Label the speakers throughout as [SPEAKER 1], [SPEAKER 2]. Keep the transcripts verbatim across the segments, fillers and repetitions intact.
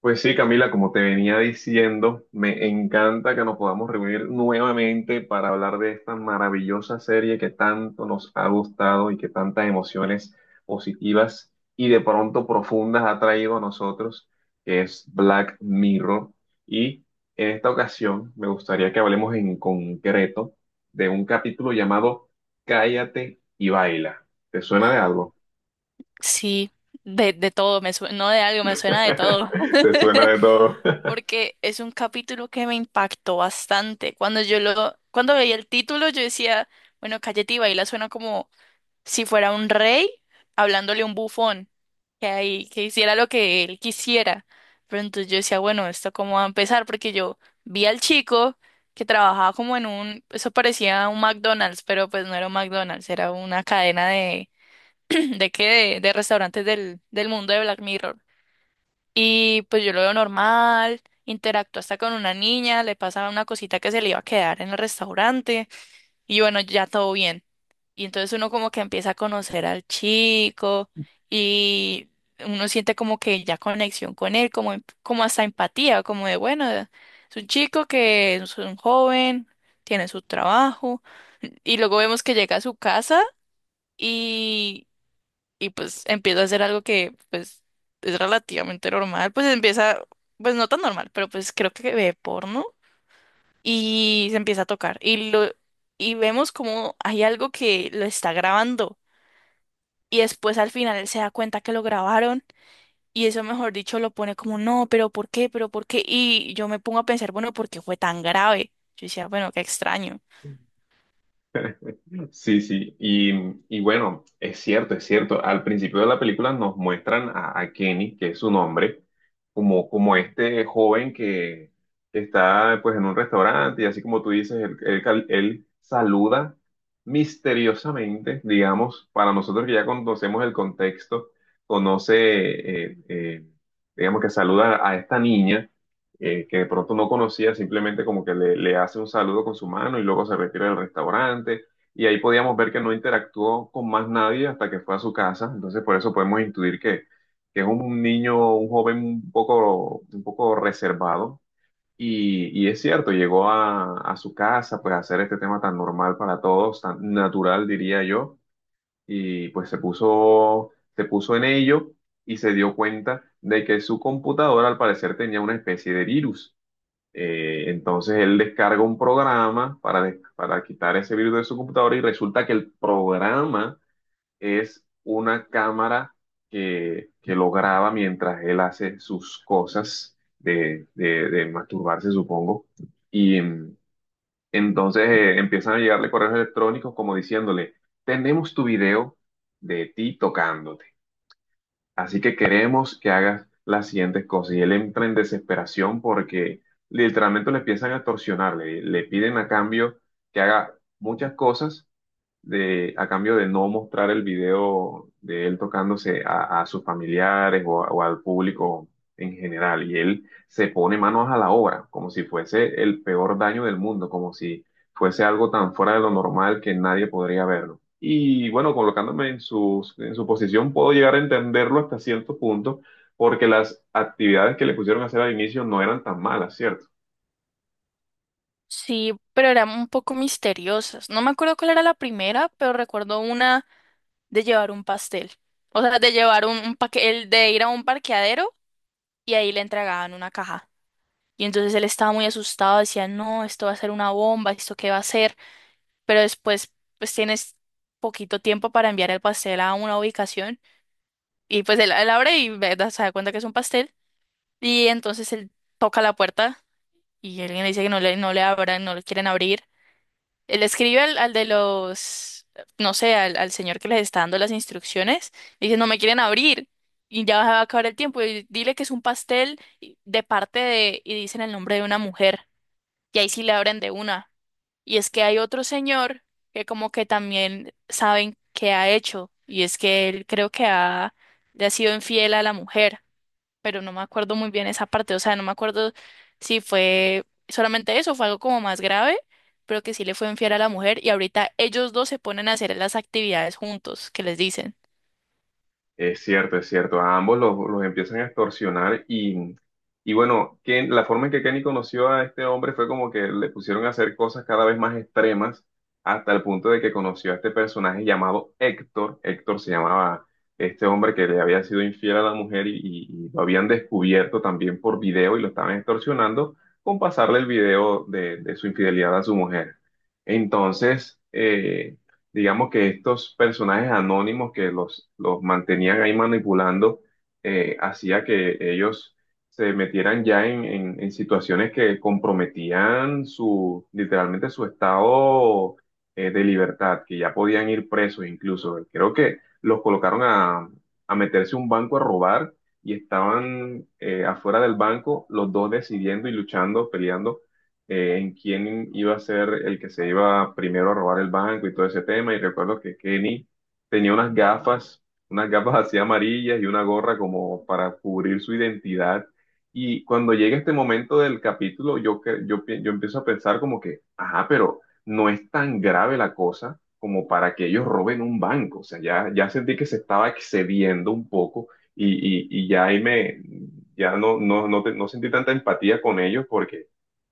[SPEAKER 1] Pues sí, Camila, como te venía diciendo, me encanta que nos podamos reunir nuevamente para hablar de esta maravillosa serie que tanto nos ha gustado y que tantas emociones positivas y de pronto profundas ha traído a nosotros, que es Black Mirror. Y en esta ocasión me gustaría que hablemos en concreto de un capítulo llamado Cállate y baila. ¿Te suena de algo?
[SPEAKER 2] Sí, de, de todo, me sue- no de algo, me suena de todo.
[SPEAKER 1] ¿Te suena de todo?
[SPEAKER 2] Porque es un capítulo que me impactó bastante. Cuando yo lo, cuando veía el título, yo decía, bueno, Cayeti Baila suena como si fuera un rey hablándole a un bufón, que ahí, que hiciera lo que él quisiera. Pero entonces yo decía, bueno, ¿esto cómo va a empezar? Porque yo vi al chico que trabajaba como en un, eso parecía un McDonald's, pero pues no era un McDonald's, era una cadena de que de, de restaurantes del, del mundo de Black Mirror. Y pues yo lo veo normal, interactúa hasta con una niña, le pasa una cosita que se le iba a quedar en el restaurante y bueno, ya todo bien. Y entonces uno como que empieza a conocer al chico y uno siente como que ya conexión con él, como, em- como hasta empatía, como de bueno, es un chico que es un joven, tiene su trabajo y luego vemos que llega a su casa. y y pues empiezo a hacer algo que pues es relativamente normal, pues empieza, pues no tan normal, pero pues creo que ve porno y se empieza a tocar y lo y vemos como hay algo que lo está grabando y después al final él se da cuenta que lo grabaron y eso mejor dicho lo pone como no, pero ¿por qué? ¿Pero por qué? Y yo me pongo a pensar, bueno, ¿por qué fue tan grave? Yo decía, bueno, qué extraño.
[SPEAKER 1] Sí, sí, y, y bueno, es cierto, es cierto. Al principio de la película nos muestran a, a Kenny, que es su nombre, como, como este joven que está pues en un restaurante y así como tú dices, él, él cal- él saluda misteriosamente, digamos, para nosotros que ya conocemos el contexto, conoce, eh, eh, digamos que saluda a esta niña, eh, que de pronto no conocía, simplemente como que le, le hace un saludo con su mano y luego se retira del restaurante y ahí podíamos ver que no interactuó con más nadie hasta que fue a su casa. Entonces, por eso podemos intuir que, que es un niño, un joven un poco, un poco reservado. Y, y es cierto, llegó a, a su casa, pues a hacer este tema tan normal para todos, tan natural, diría yo, y pues se puso, se puso en ello y se dio cuenta de que su computadora al parecer tenía una especie de virus. Eh, entonces él descarga un programa para, des- para quitar ese virus de su computadora y resulta que el programa es una cámara que, que lo graba mientras él hace sus cosas de, de- de masturbarse, supongo. Y mm, entonces eh, empiezan a llegarle correos electrónicos como diciéndole, tenemos tu video de ti tocándote. Así que queremos que hagas las siguientes cosas. Y él entra en desesperación porque literalmente le empiezan a torsionar, le, le piden a cambio que haga muchas cosas de, a cambio de no mostrar el video de él tocándose a, a sus familiares o, a- o al público en general. Y él se pone manos a la obra, como si fuese el peor daño del mundo, como si fuese algo tan fuera de lo normal que nadie podría verlo. Y bueno, colocándome en su, en su posición, puedo llegar a entenderlo hasta cierto punto, porque las actividades que le pusieron a hacer al inicio no eran tan malas, ¿cierto?
[SPEAKER 2] Sí, pero eran un poco misteriosas. No me acuerdo cuál era la primera, pero recuerdo una de llevar un pastel. O sea, de llevar un, un paque- el de ir a un parqueadero y ahí le entregaban una caja. Y entonces él estaba muy asustado, decía, no, esto va a ser una bomba, ¿esto qué va a ser? Pero después, pues tienes poquito tiempo para enviar el pastel a una ubicación. Y pues él, él abre y ve- da- se da cuenta que es un pastel. Y entonces él toca la puerta y alguien le dice que no le, no le abran, no le quieren abrir. Le escribe al, al de los, no sé, al, al señor que les está dando las instrucciones. Y dice, no me quieren abrir. Y ya va a acabar el tiempo. Y dile que es un pastel y- de parte de, y dicen el nombre de una mujer. Y ahí sí le abren de una. Y es que hay otro señor que como que también saben qué ha hecho. Y es que él creo que ha, Le ha sido infiel a la mujer, pero no me acuerdo muy bien esa parte, o sea, no me acuerdo si fue solamente eso, fue algo como más grave, pero que sí le fue infiel a la mujer y ahorita ellos dos se ponen a hacer las actividades juntos, que les dicen.
[SPEAKER 1] Es cierto, es cierto. A ambos los, los empiezan a extorsionar y, y bueno, Ken- la forma en que Kenny conoció a este hombre fue como que le pusieron a hacer cosas cada vez más extremas hasta el punto de que conoció a este personaje llamado Héctor. Héctor se llamaba este hombre que le había sido infiel a la mujer y, y- y lo habían descubierto también por video y lo estaban extorsionando con pasarle el video de, de su infidelidad a su mujer. Entonces, eh, digamos que estos personajes anónimos que los, los mantenían ahí manipulando, eh, hacía que ellos se metieran ya en, en- en situaciones que comprometían su, literalmente su estado eh, de libertad, que ya podían ir presos incluso. Creo que los colocaron a, a meterse a un banco a robar y estaban eh, afuera del banco los dos decidiendo y luchando, peleando, eh, en quién iba a ser el que se iba primero a robar el banco y todo ese tema. Y recuerdo que Kenny tenía unas gafas, unas gafas así amarillas y una gorra como para cubrir su identidad. Y cuando llega este momento del capítulo, yo, que- yo, pi- yo empiezo a pensar como que, ajá, pero no es tan grave la cosa como para que ellos roben un banco. O sea, ya, ya sentí que se estaba excediendo un poco y, y, y ya ahí me, ya no, no, no, te- no sentí tanta empatía con ellos porque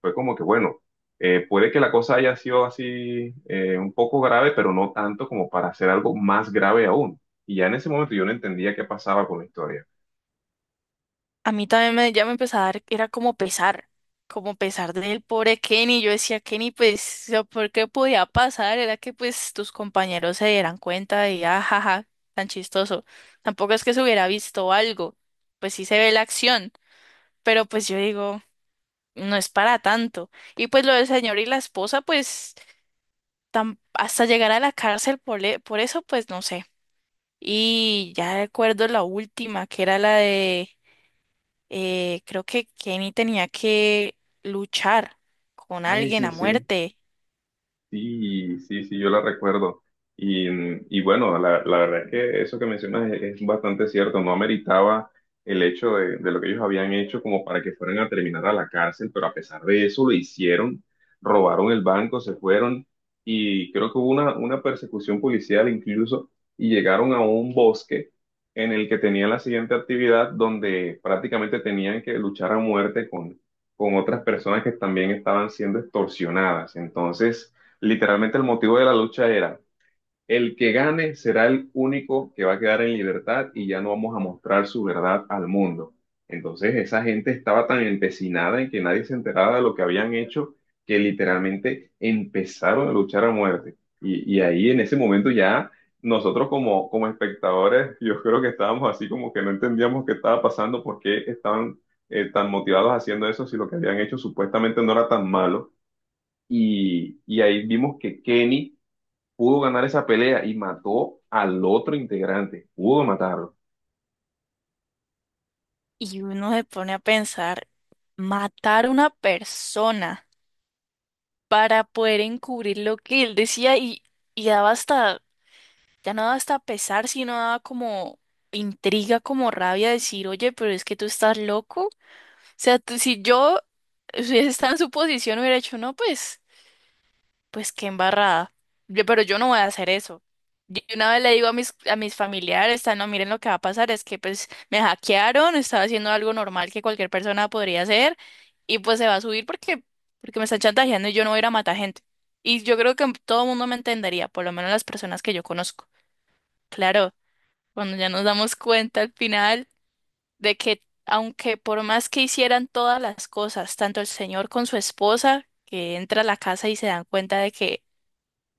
[SPEAKER 1] fue como que, bueno, eh, puede que la cosa haya sido así, eh, un poco grave, pero no tanto como para hacer algo más grave aún. Y ya en ese momento yo no entendía qué pasaba con la historia.
[SPEAKER 2] A mí también me, Ya me empezaba a dar, era como pesar, como pesar del pobre Kenny, yo decía, Kenny, pues, o sea, ¿por qué podía pasar? Era que pues tus compañeros se dieran cuenta y ajaja, tan chistoso. Tampoco es que se hubiera visto algo, pues sí se ve la acción, pero pues yo digo, no es para tanto. Y pues lo del señor y la esposa, pues tam- hasta llegar a la cárcel por, le- por eso, pues no sé. Y ya recuerdo la última, que era la de, eh, creo que Kenny tenía que luchar con
[SPEAKER 1] Ay,
[SPEAKER 2] alguien
[SPEAKER 1] sí,
[SPEAKER 2] a
[SPEAKER 1] sí.
[SPEAKER 2] muerte.
[SPEAKER 1] Sí, sí, sí, yo la recuerdo. Y, y bueno, la, la verdad es que eso que mencionas es, es bastante cierto. No ameritaba el hecho de, de lo que ellos habían hecho como para que fueran a terminar a la cárcel, pero a pesar de eso lo hicieron, robaron el banco, se fueron y creo que hubo una, una persecución policial incluso y llegaron a un bosque en el que tenían la siguiente actividad donde prácticamente tenían que luchar a muerte con, con otras personas que también estaban siendo extorsionadas. Entonces... Literalmente el motivo de la lucha era, el que gane será el único que va a quedar en libertad y ya no vamos a mostrar su verdad al mundo. Entonces esa gente estaba tan empecinada en que nadie se enterara de lo que habían hecho que literalmente empezaron a luchar a muerte. Y, y ahí en ese momento ya nosotros como, como espectadores, yo creo que estábamos así como que no entendíamos qué estaba pasando, por qué estaban eh, tan motivados haciendo eso si lo que habían hecho supuestamente no era tan malo. Y, y ahí vimos que Kenny pudo ganar esa pelea y mató al otro integrante, pudo matarlo.
[SPEAKER 2] Y uno se pone a pensar, matar a una persona para poder encubrir lo que él decía y, y daba hasta, ya no daba hasta pesar, sino daba como intriga, como rabia decir, oye, pero es que tú estás loco. O sea, tú- si yo eh, si hubiese estado en su posición, hubiera dicho, no, pues, pues qué embarrada. Yo- pero yo no voy a hacer eso. Yo una vez le digo a mis, a mis familiares, "Ah, no, miren lo que va a pasar, es que pues me hackearon, estaba haciendo algo normal que cualquier persona podría hacer, y pues se va a subir porque, porque me están chantajeando y yo no voy a ir a matar gente. Y yo creo que todo el mundo me entendería, por lo menos las personas que yo conozco. Claro. Cuando ya nos damos cuenta al final de que aunque por más que hicieran todas las cosas, tanto el señor con su esposa, que entra a la casa y se dan cuenta de que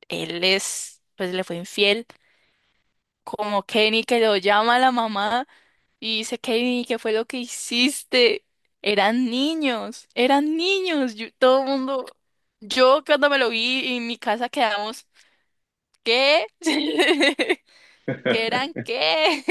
[SPEAKER 2] él es, pues le fue infiel, como Kenny, que lo llama a la mamá y dice, Kenny, ¿qué fue lo que hiciste? Eran niños, eran niños, yo- todo el mundo, yo cuando me lo vi en mi casa quedamos, ¿qué? ¿Que eran qué?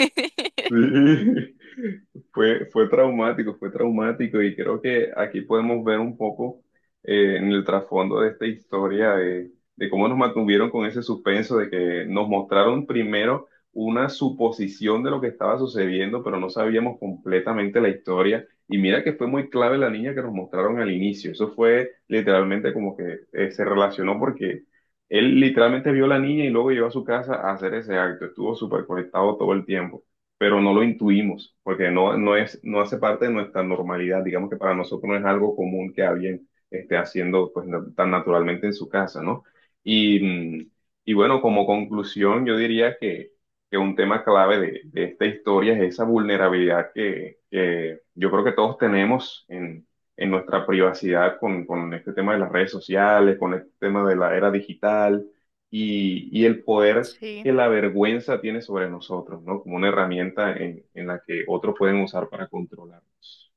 [SPEAKER 1] Sí, fue, fue traumático, fue traumático y creo que aquí podemos ver un poco, eh, en el trasfondo de esta historia de, de cómo nos mantuvieron con ese suspenso de que nos mostraron primero una suposición de lo que estaba sucediendo, pero no sabíamos completamente la historia. Y mira que fue muy clave la niña que nos mostraron al inicio. Eso fue literalmente como que, eh, se relacionó porque él literalmente vio a la niña y luego llegó a su casa a hacer ese acto. Estuvo súper conectado todo el tiempo pero no lo intuimos, porque no, no es, no hace parte de nuestra normalidad. Digamos que para nosotros no es algo común que alguien esté haciendo pues, na- tan naturalmente en su casa, ¿no? Y, mm, y bueno, como conclusión, yo diría que, que un tema clave de, de esta historia es esa vulnerabilidad que, que yo creo que todos tenemos en, en nuestra privacidad con, con este tema de las redes sociales, con este tema de la era digital. Y, y el poder
[SPEAKER 2] Sí.
[SPEAKER 1] que la vergüenza tiene sobre nosotros, ¿no? Como una herramienta en, en la que otros pueden usar para controlarnos.